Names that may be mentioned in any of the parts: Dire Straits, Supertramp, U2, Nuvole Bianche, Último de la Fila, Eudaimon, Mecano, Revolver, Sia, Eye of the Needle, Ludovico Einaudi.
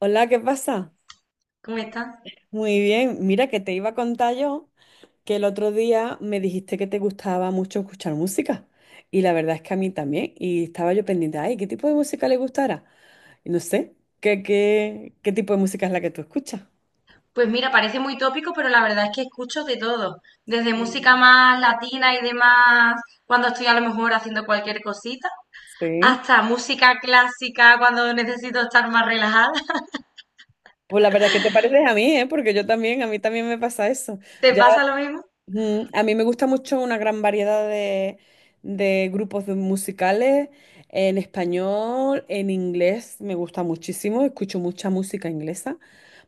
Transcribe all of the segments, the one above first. Hola, ¿qué pasa? ¿Cómo estás? Muy bien, mira que te iba a contar yo que el otro día me dijiste que te gustaba mucho escuchar música y la verdad es que a mí también y estaba yo pendiente, ay, ¿qué tipo de música le gustara? Y no sé, ¿qué tipo de música es la que tú escuchas? Pues mira, parece muy tópico, pero la verdad es que escucho de todo, desde música más latina y demás, cuando estoy a lo mejor haciendo cualquier cosita, Sí. hasta música clásica cuando necesito estar más relajada. Pues la verdad es que te pareces a mí, ¿eh? Porque yo también, a mí también me pasa eso. ¿Te Ya. pasa lo mismo? Ujú. A mí me gusta mucho una gran variedad de grupos de musicales en español, en inglés, me gusta muchísimo, escucho mucha música inglesa,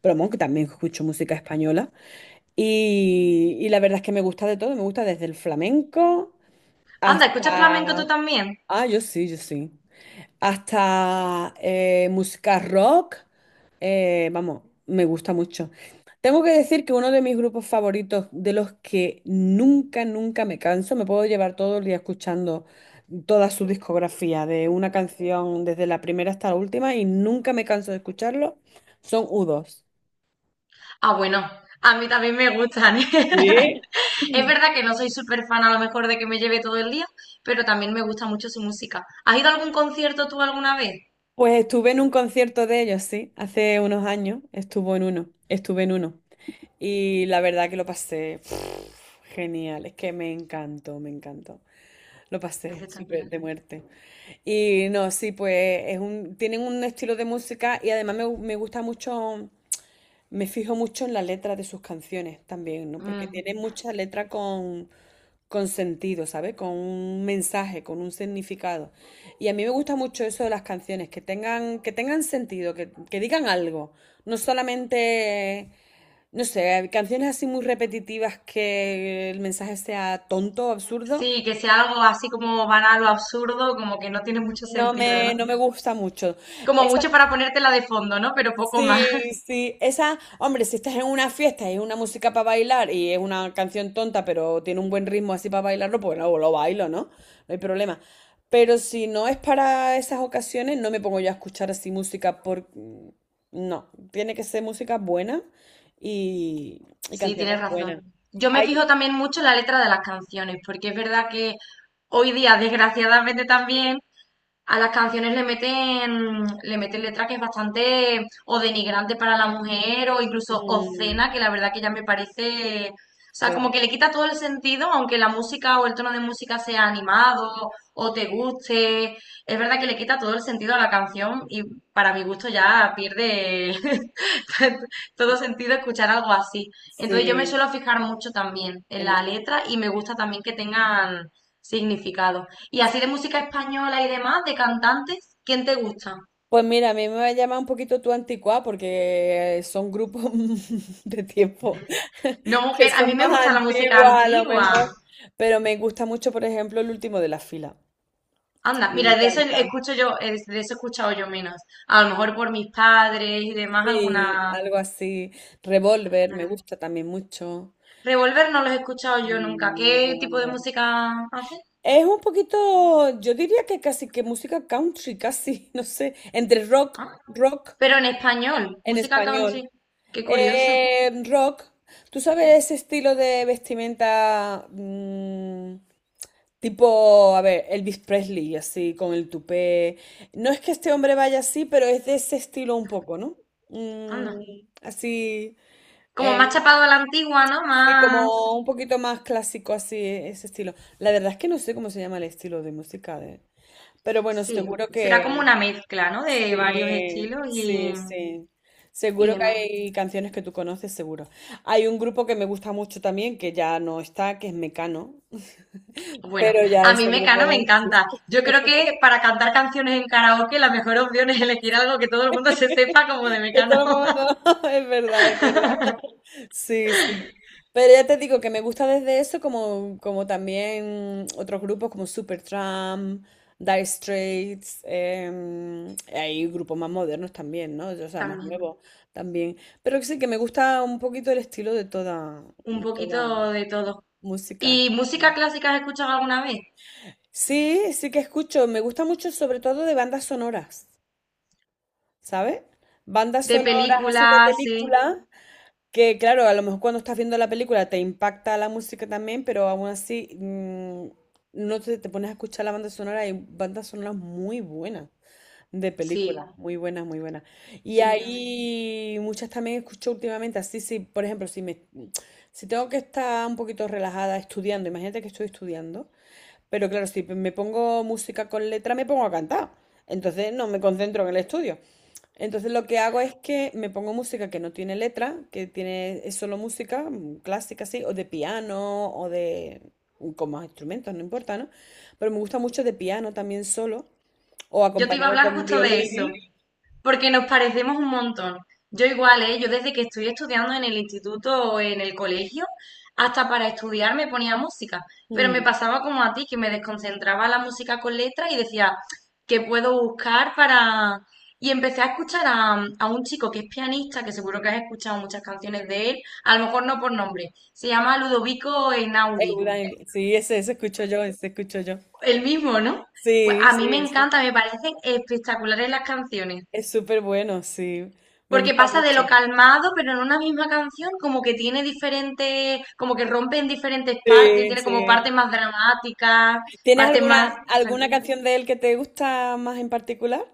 pero bueno, que también escucho música española. Y la verdad es que me gusta de todo, me gusta desde el flamenco Anda, ¿escuchas flamenco tú hasta... también? Ah, yo sí, yo sí. Hasta música rock. Vamos, me gusta mucho. Tengo que decir que uno de mis grupos favoritos, de los que nunca, nunca me canso, me puedo llevar todo el día escuchando toda su discografía, de una canción desde la primera hasta la última, y nunca me canso de escucharlo, son U2. Ah, bueno, a mí también me gustan, ¿eh? Es verdad que no soy súper fan a lo mejor de que me lleve todo el día, pero también me gusta mucho su música. ¿Has ido a algún concierto tú alguna vez? Pues estuve en un concierto de ellos, sí, hace unos años, estuvo en uno, estuve en uno. Y la verdad que lo pasé pf, genial, es que me encantó, me encantó. Lo pasé súper Espectacular. de muerte. Y no, sí, pues es un, tienen un estilo de música y además me gusta mucho, me fijo mucho en la letra de sus canciones también, ¿no? Porque Mm. tienen mucha letra con sentido, ¿sabes? Con un mensaje, con un significado. Y a mí me gusta mucho eso de las canciones, que tengan sentido, que digan algo. No solamente, no sé, canciones así muy repetitivas que el mensaje sea tonto, absurdo. Sí, que sea algo así como banal o absurdo, como que no tiene mucho sentido, ¿no? No me gusta mucho. Como Esa. mucho para ponértela de fondo, ¿no? Pero poco Sí, más. sí. Esa, hombre, si estás en una fiesta y es una música para bailar y es una canción tonta, pero tiene un buen ritmo así para bailarlo, pues no, lo bailo, ¿no? No hay problema. Pero si no es para esas ocasiones, no me pongo yo a escuchar así música por... No, tiene que ser música buena y, y Sí, tienes canciones buenas. razón. Yo me fijo Hay... también mucho en la letra de las canciones, porque es verdad que hoy día, desgraciadamente también, a las canciones le meten letra que es bastante o denigrante para la mujer o incluso mm, obscena, que la verdad que ya me parece, o sea, como claro, que le quita todo el sentido, aunque la música o el tono de música sea animado o te guste, es verdad que le quita todo el sentido a la canción y para mi gusto ya pierde todo sentido escuchar algo así. Entonces yo me sí. suelo fijar mucho también en la letra y me gusta también que tengan significado. Y así de música española y demás, de cantantes, ¿quién te gusta? Pues mira, a mí me llama un poquito tu anticuada porque son grupos de tiempo No, que mujer, a mí son me más gusta la música antiguos a lo antigua. mejor, pero me gusta mucho, por ejemplo, el último de la fila. Anda, Me mira, de eso encanta. escucho yo, de eso he escuchado yo menos. A lo mejor por mis padres y demás, Sí, alguna... algo así. Revolver, me alguna- gusta también mucho. Revolver no los he escuchado yo nunca. ¿Qué tipo de Revolver. música hacen? Es un poquito, yo diría que casi que música country, casi, no sé, entre rock, Ah, rock pero en español, en música español. country. Qué curioso. Rock. ¿Tú sabes ese estilo de vestimenta tipo, a ver, Elvis Presley, así, con el tupé? No es que este hombre vaya así, pero es de ese estilo un poco, ¿no? Mm, Anda. así, Como eh, más chapado a la antigua, ¿no? sí, Más... como un poquito más clásico, así, ese estilo. La verdad es que no sé cómo se llama el estilo de música de... Pero bueno, Sí, seguro será como que... una mezcla, ¿no? De varios Sí, estilos sí, sí. y Seguro que demás. hay canciones que tú conoces, seguro. Hay un grupo que me gusta mucho también, que ya no está, que es Mecano. Bueno, Pero ya a mí ese grupo Mecano me no encanta. existe. Yo creo que para cantar canciones en karaoke la mejor opción es elegir algo que todo el mundo se sepa como de Esto lo Mecano. hemos abandonado, es verdad, es verdad. Sí, sí. Pero ya te digo que me gusta desde eso como, como también otros grupos como Supertramp, Dire Straits, hay grupos más modernos también, ¿no? O sea, más También, nuevos también. Pero sí que me gusta un poquito el estilo un de toda poquito de todo. música. ¿Y música clásica has escuchado alguna vez? Sí, sí que escucho. Me gusta mucho sobre todo de bandas sonoras, ¿sabes? Bandas De sonoras así de películas, sí. películas. Que claro, a lo mejor cuando estás viendo la película te impacta la música también, pero aún así no te, te pones a escuchar la banda sonora. Hay bandas sonoras muy buenas de Sí, películas, muy buenas, muy buenas. Y tiene que haber. hay muchas también escucho últimamente, así sí, por ejemplo, si tengo que estar un poquito relajada estudiando, imagínate que estoy estudiando pero claro, si me pongo música con letra, me pongo a cantar. Entonces no me concentro en el estudio. Entonces lo que hago es que me pongo música que no tiene letra, que tiene, es solo música clásica así, o de piano, o de con más instrumentos, no importa, ¿no? Pero me gusta mucho de piano también solo, o Yo te iba a acompañado hablar con justo de eso. violín. Porque nos parecemos un montón. Yo igual, ¿eh? Yo desde que estoy estudiando en el instituto o en el colegio, hasta para estudiar me ponía música. Pero me Mm. pasaba como a ti, que me desconcentraba la música con letras y decía, ¿qué puedo buscar para...? Y empecé a escuchar a un chico que es pianista, que seguro que has escuchado muchas canciones de él, a lo mejor no por nombre. Se llama Ludovico Einaudi. Eudaimon, sí, ese escucho yo, ese escucho yo. El mismo, ¿no? Pues Sí, a sí, mí me ese. encanta, me parecen espectaculares las canciones. Es súper bueno, sí. Me Porque gusta pasa de mucho. lo calmado, pero en una misma canción como que tiene diferentes, como que rompe en diferentes partes, Sí, tiene como sí. partes más dramáticas, ¿Tienes partes alguna, más alguna tranquilas. canción de él que te gusta más en particular?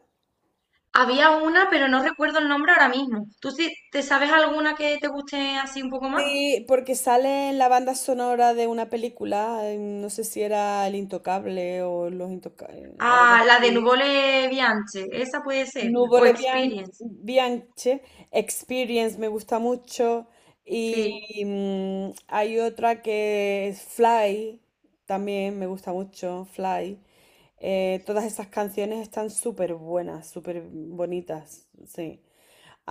Había una, pero no recuerdo el nombre ahora mismo. ¿Tú sí te sabes alguna que te guste así un poco más? Sí, porque sale en la banda sonora de una película, no sé si era El Intocable o Los Intocables o algo Ah, la de así. Nuvole Bianche, esa puede ser. O Experience, Bianche, Experience me gusta mucho y sí. mm, hay otra que es Fly, también me gusta mucho, Fly. Todas esas canciones están súper buenas, súper bonitas, sí.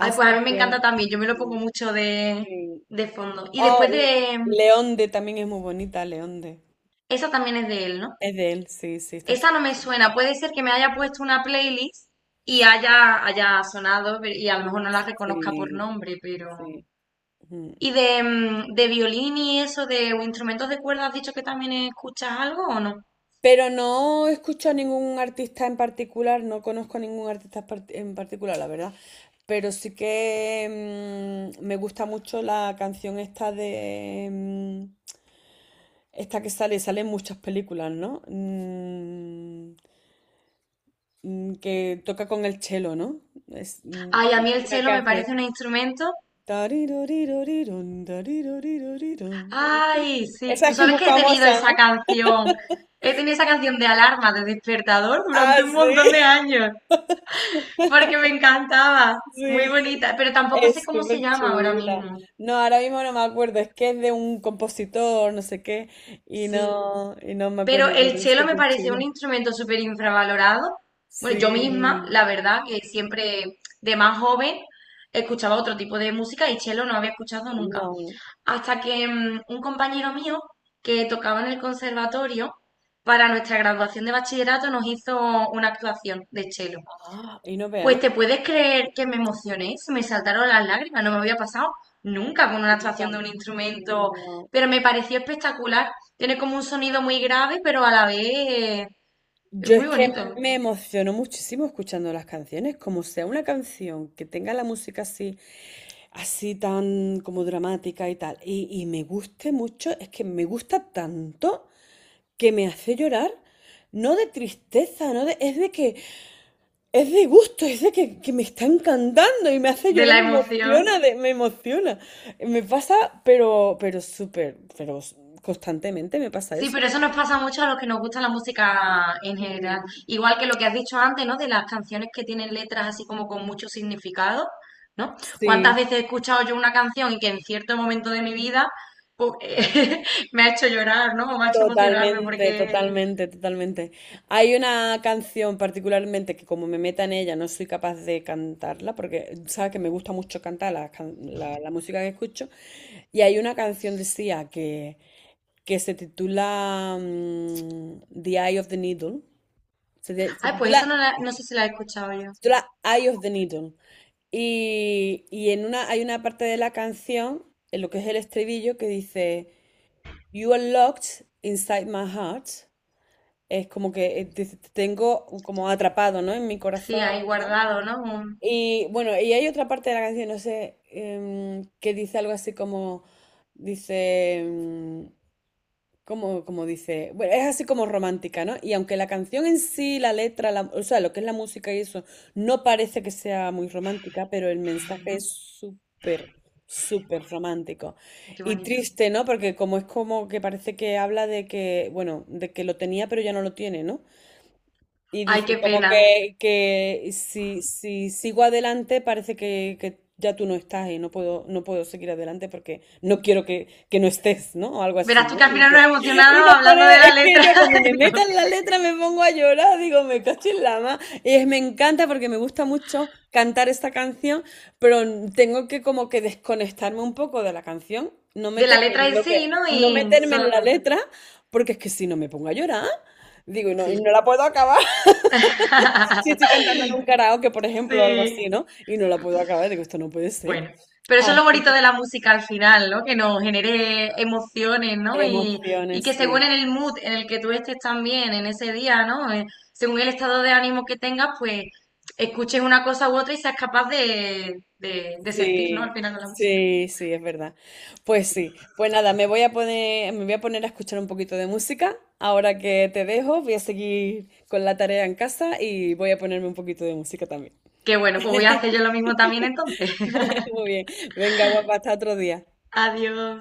Ay, pues a mí me encanta que, también, yo me lo mm, pongo mucho sí. de fondo. Y Oh, después L- de... Leonde también es muy bonita, Leonde. Esa también es de él, ¿no? Es de él, sí, sí, está. S- Esta no me suena. Puede ser que me haya puesto una playlist y haya sonado y a lo mejor no la reconozca por Sí, nombre, pero... sí. Ujú. ¿Y de, de violín y eso, de o instrumentos de cuerda, has dicho que también escuchas algo o no? Pero no escucho a ningún artista en particular, no conozco a ningún artista par- en particular, la verdad. Pero sí que me gusta mucho la canción esta de... esta que sale, sale en muchas películas, ¿no? Que toca con el chelo, ¿no? Es Ay, a mí el una que cello me parece hace. un instrumento. "Tariroriroriron, tariroriroriron". Ay, sí. Esa Tú es que es sabes muy que he tenido famosa, esa ¿no? canción, he tenido esa canción de alarma, de despertador Ah, durante un sí, montón de años, porque me encantaba. Muy sí, sí. bonita, pero tampoco sé Es cómo se súper llama ahora chula. mismo. No, ahora mismo no me acuerdo, es que es de un compositor, no sé qué, Sí. Y no me Pero acuerdo, el pero es cello me súper parece chula. un instrumento súper infravalorado. Bueno, yo misma, Sí, la verdad, que siempre de más joven escuchaba otro tipo de música y cello no había escuchado nunca. no, no. Hasta que un compañero mío que tocaba en el conservatorio, para nuestra graduación de bachillerato nos hizo una actuación de cello. Ah, y no vea, Pues ¿no? te puedes creer que me emocioné, se me saltaron las lágrimas, no me había pasado nunca con una Nunca. actuación de un instrumento, No. pero me pareció espectacular. Tiene como un sonido muy grave, pero a la vez es Yo es muy que bonito, me emociono muchísimo escuchando las canciones, como sea una canción que tenga la música así, así tan como dramática y tal, y me guste mucho, es que me gusta tanto que me hace llorar, no de tristeza, no de, es de que, es de gusto, que me está encantando y me hace de llorar, la me emoción. emociona, me emociona. Me pasa, pero súper, pero constantemente me pasa Sí, eso. pero eso nos pasa mucho a los que nos gusta la música en general. Mm. Igual que lo que has dicho antes, ¿no? De las canciones que tienen letras así como con mucho significado, ¿no? Sí. ¿Cuántas veces he escuchado yo una canción y que en cierto momento de mi vida pues, me ha hecho llorar, ¿no? O me ha hecho emocionarme Totalmente, porque... totalmente, totalmente. Hay una canción particularmente que como me meta en ella no soy capaz de cantarla porque sabes que me gusta mucho cantar la música que escucho y hay una canción de Sia que se titula The Eye of the Needle. Se, de- se Ay, pues titula, esa no, no sé si la he escuchado se yo. titula Eye of the Needle. Y en una, hay una parte de la canción, en lo que es el estribillo, que dice You are locked inside my heart. Es como que te, te tengo como atrapado, ¿no? En mi Sí, ahí corazón, ¿no? guardado, ¿no? Un- Y bueno, y hay otra parte de la canción, no sé, que dice algo así como, dice, como, como dice, bueno, es así como romántica, ¿no? Y aunque la canción en sí, la letra, o sea, lo que es la música y eso, no parece que sea muy romántica, pero el Ujú, mensaje es súper, súper romántico. qué Y bonito. triste, ¿no? Porque como es como que parece que habla de que, bueno, de que lo tenía, pero ya no lo tiene, ¿no? Y Ay, dice qué como pena. que, si sigo adelante parece que ya tú no estás y no puedo, no puedo seguir adelante porque no quiero que no estés, ¿no? O algo así, Verás tú ¿no? que al final Dice. nos Y emocionamos nos hablando pone, de es la que letra, yo como me metan la letra me pongo a llorar, digo, me cacho en la ma. Y me encanta porque me gusta mucho cantar esta canción, pero tengo que como que desconectarme un poco de la canción, no de la meterme letra en en lo sí, que, ¿no? no Y meterme en solo la cantar. letra, porque es que si no me pongo a llorar, digo, y no Sí. la puedo acabar. Sí, estoy cantando en un karaoke, por ejemplo, o algo así, Sí, ¿no? Y no la puedo acabar, digo, esto no puede ser. bueno, pero eso es lo Así bonito que- de la música al final, ¿no? Que nos genere emociones, ¿no? Y Emociones, que según sí, en el mood en el que tú estés también en ese día, ¿no? Según el estado de ánimo que tengas, pues escuches una cosa u otra y seas capaz de, de sentir, ¿no? Al sí, final de la música. sí, sí, es verdad. Pues sí, pues nada, me voy a poner a escuchar un poquito de música. Ahora que te dejo, voy a seguir con la tarea en casa y voy a ponerme un poquito de música también. Que bueno, pues voy a hacer yo lo mismo también entonces. Muy bien, venga, guapa, hasta otro día. Adiós.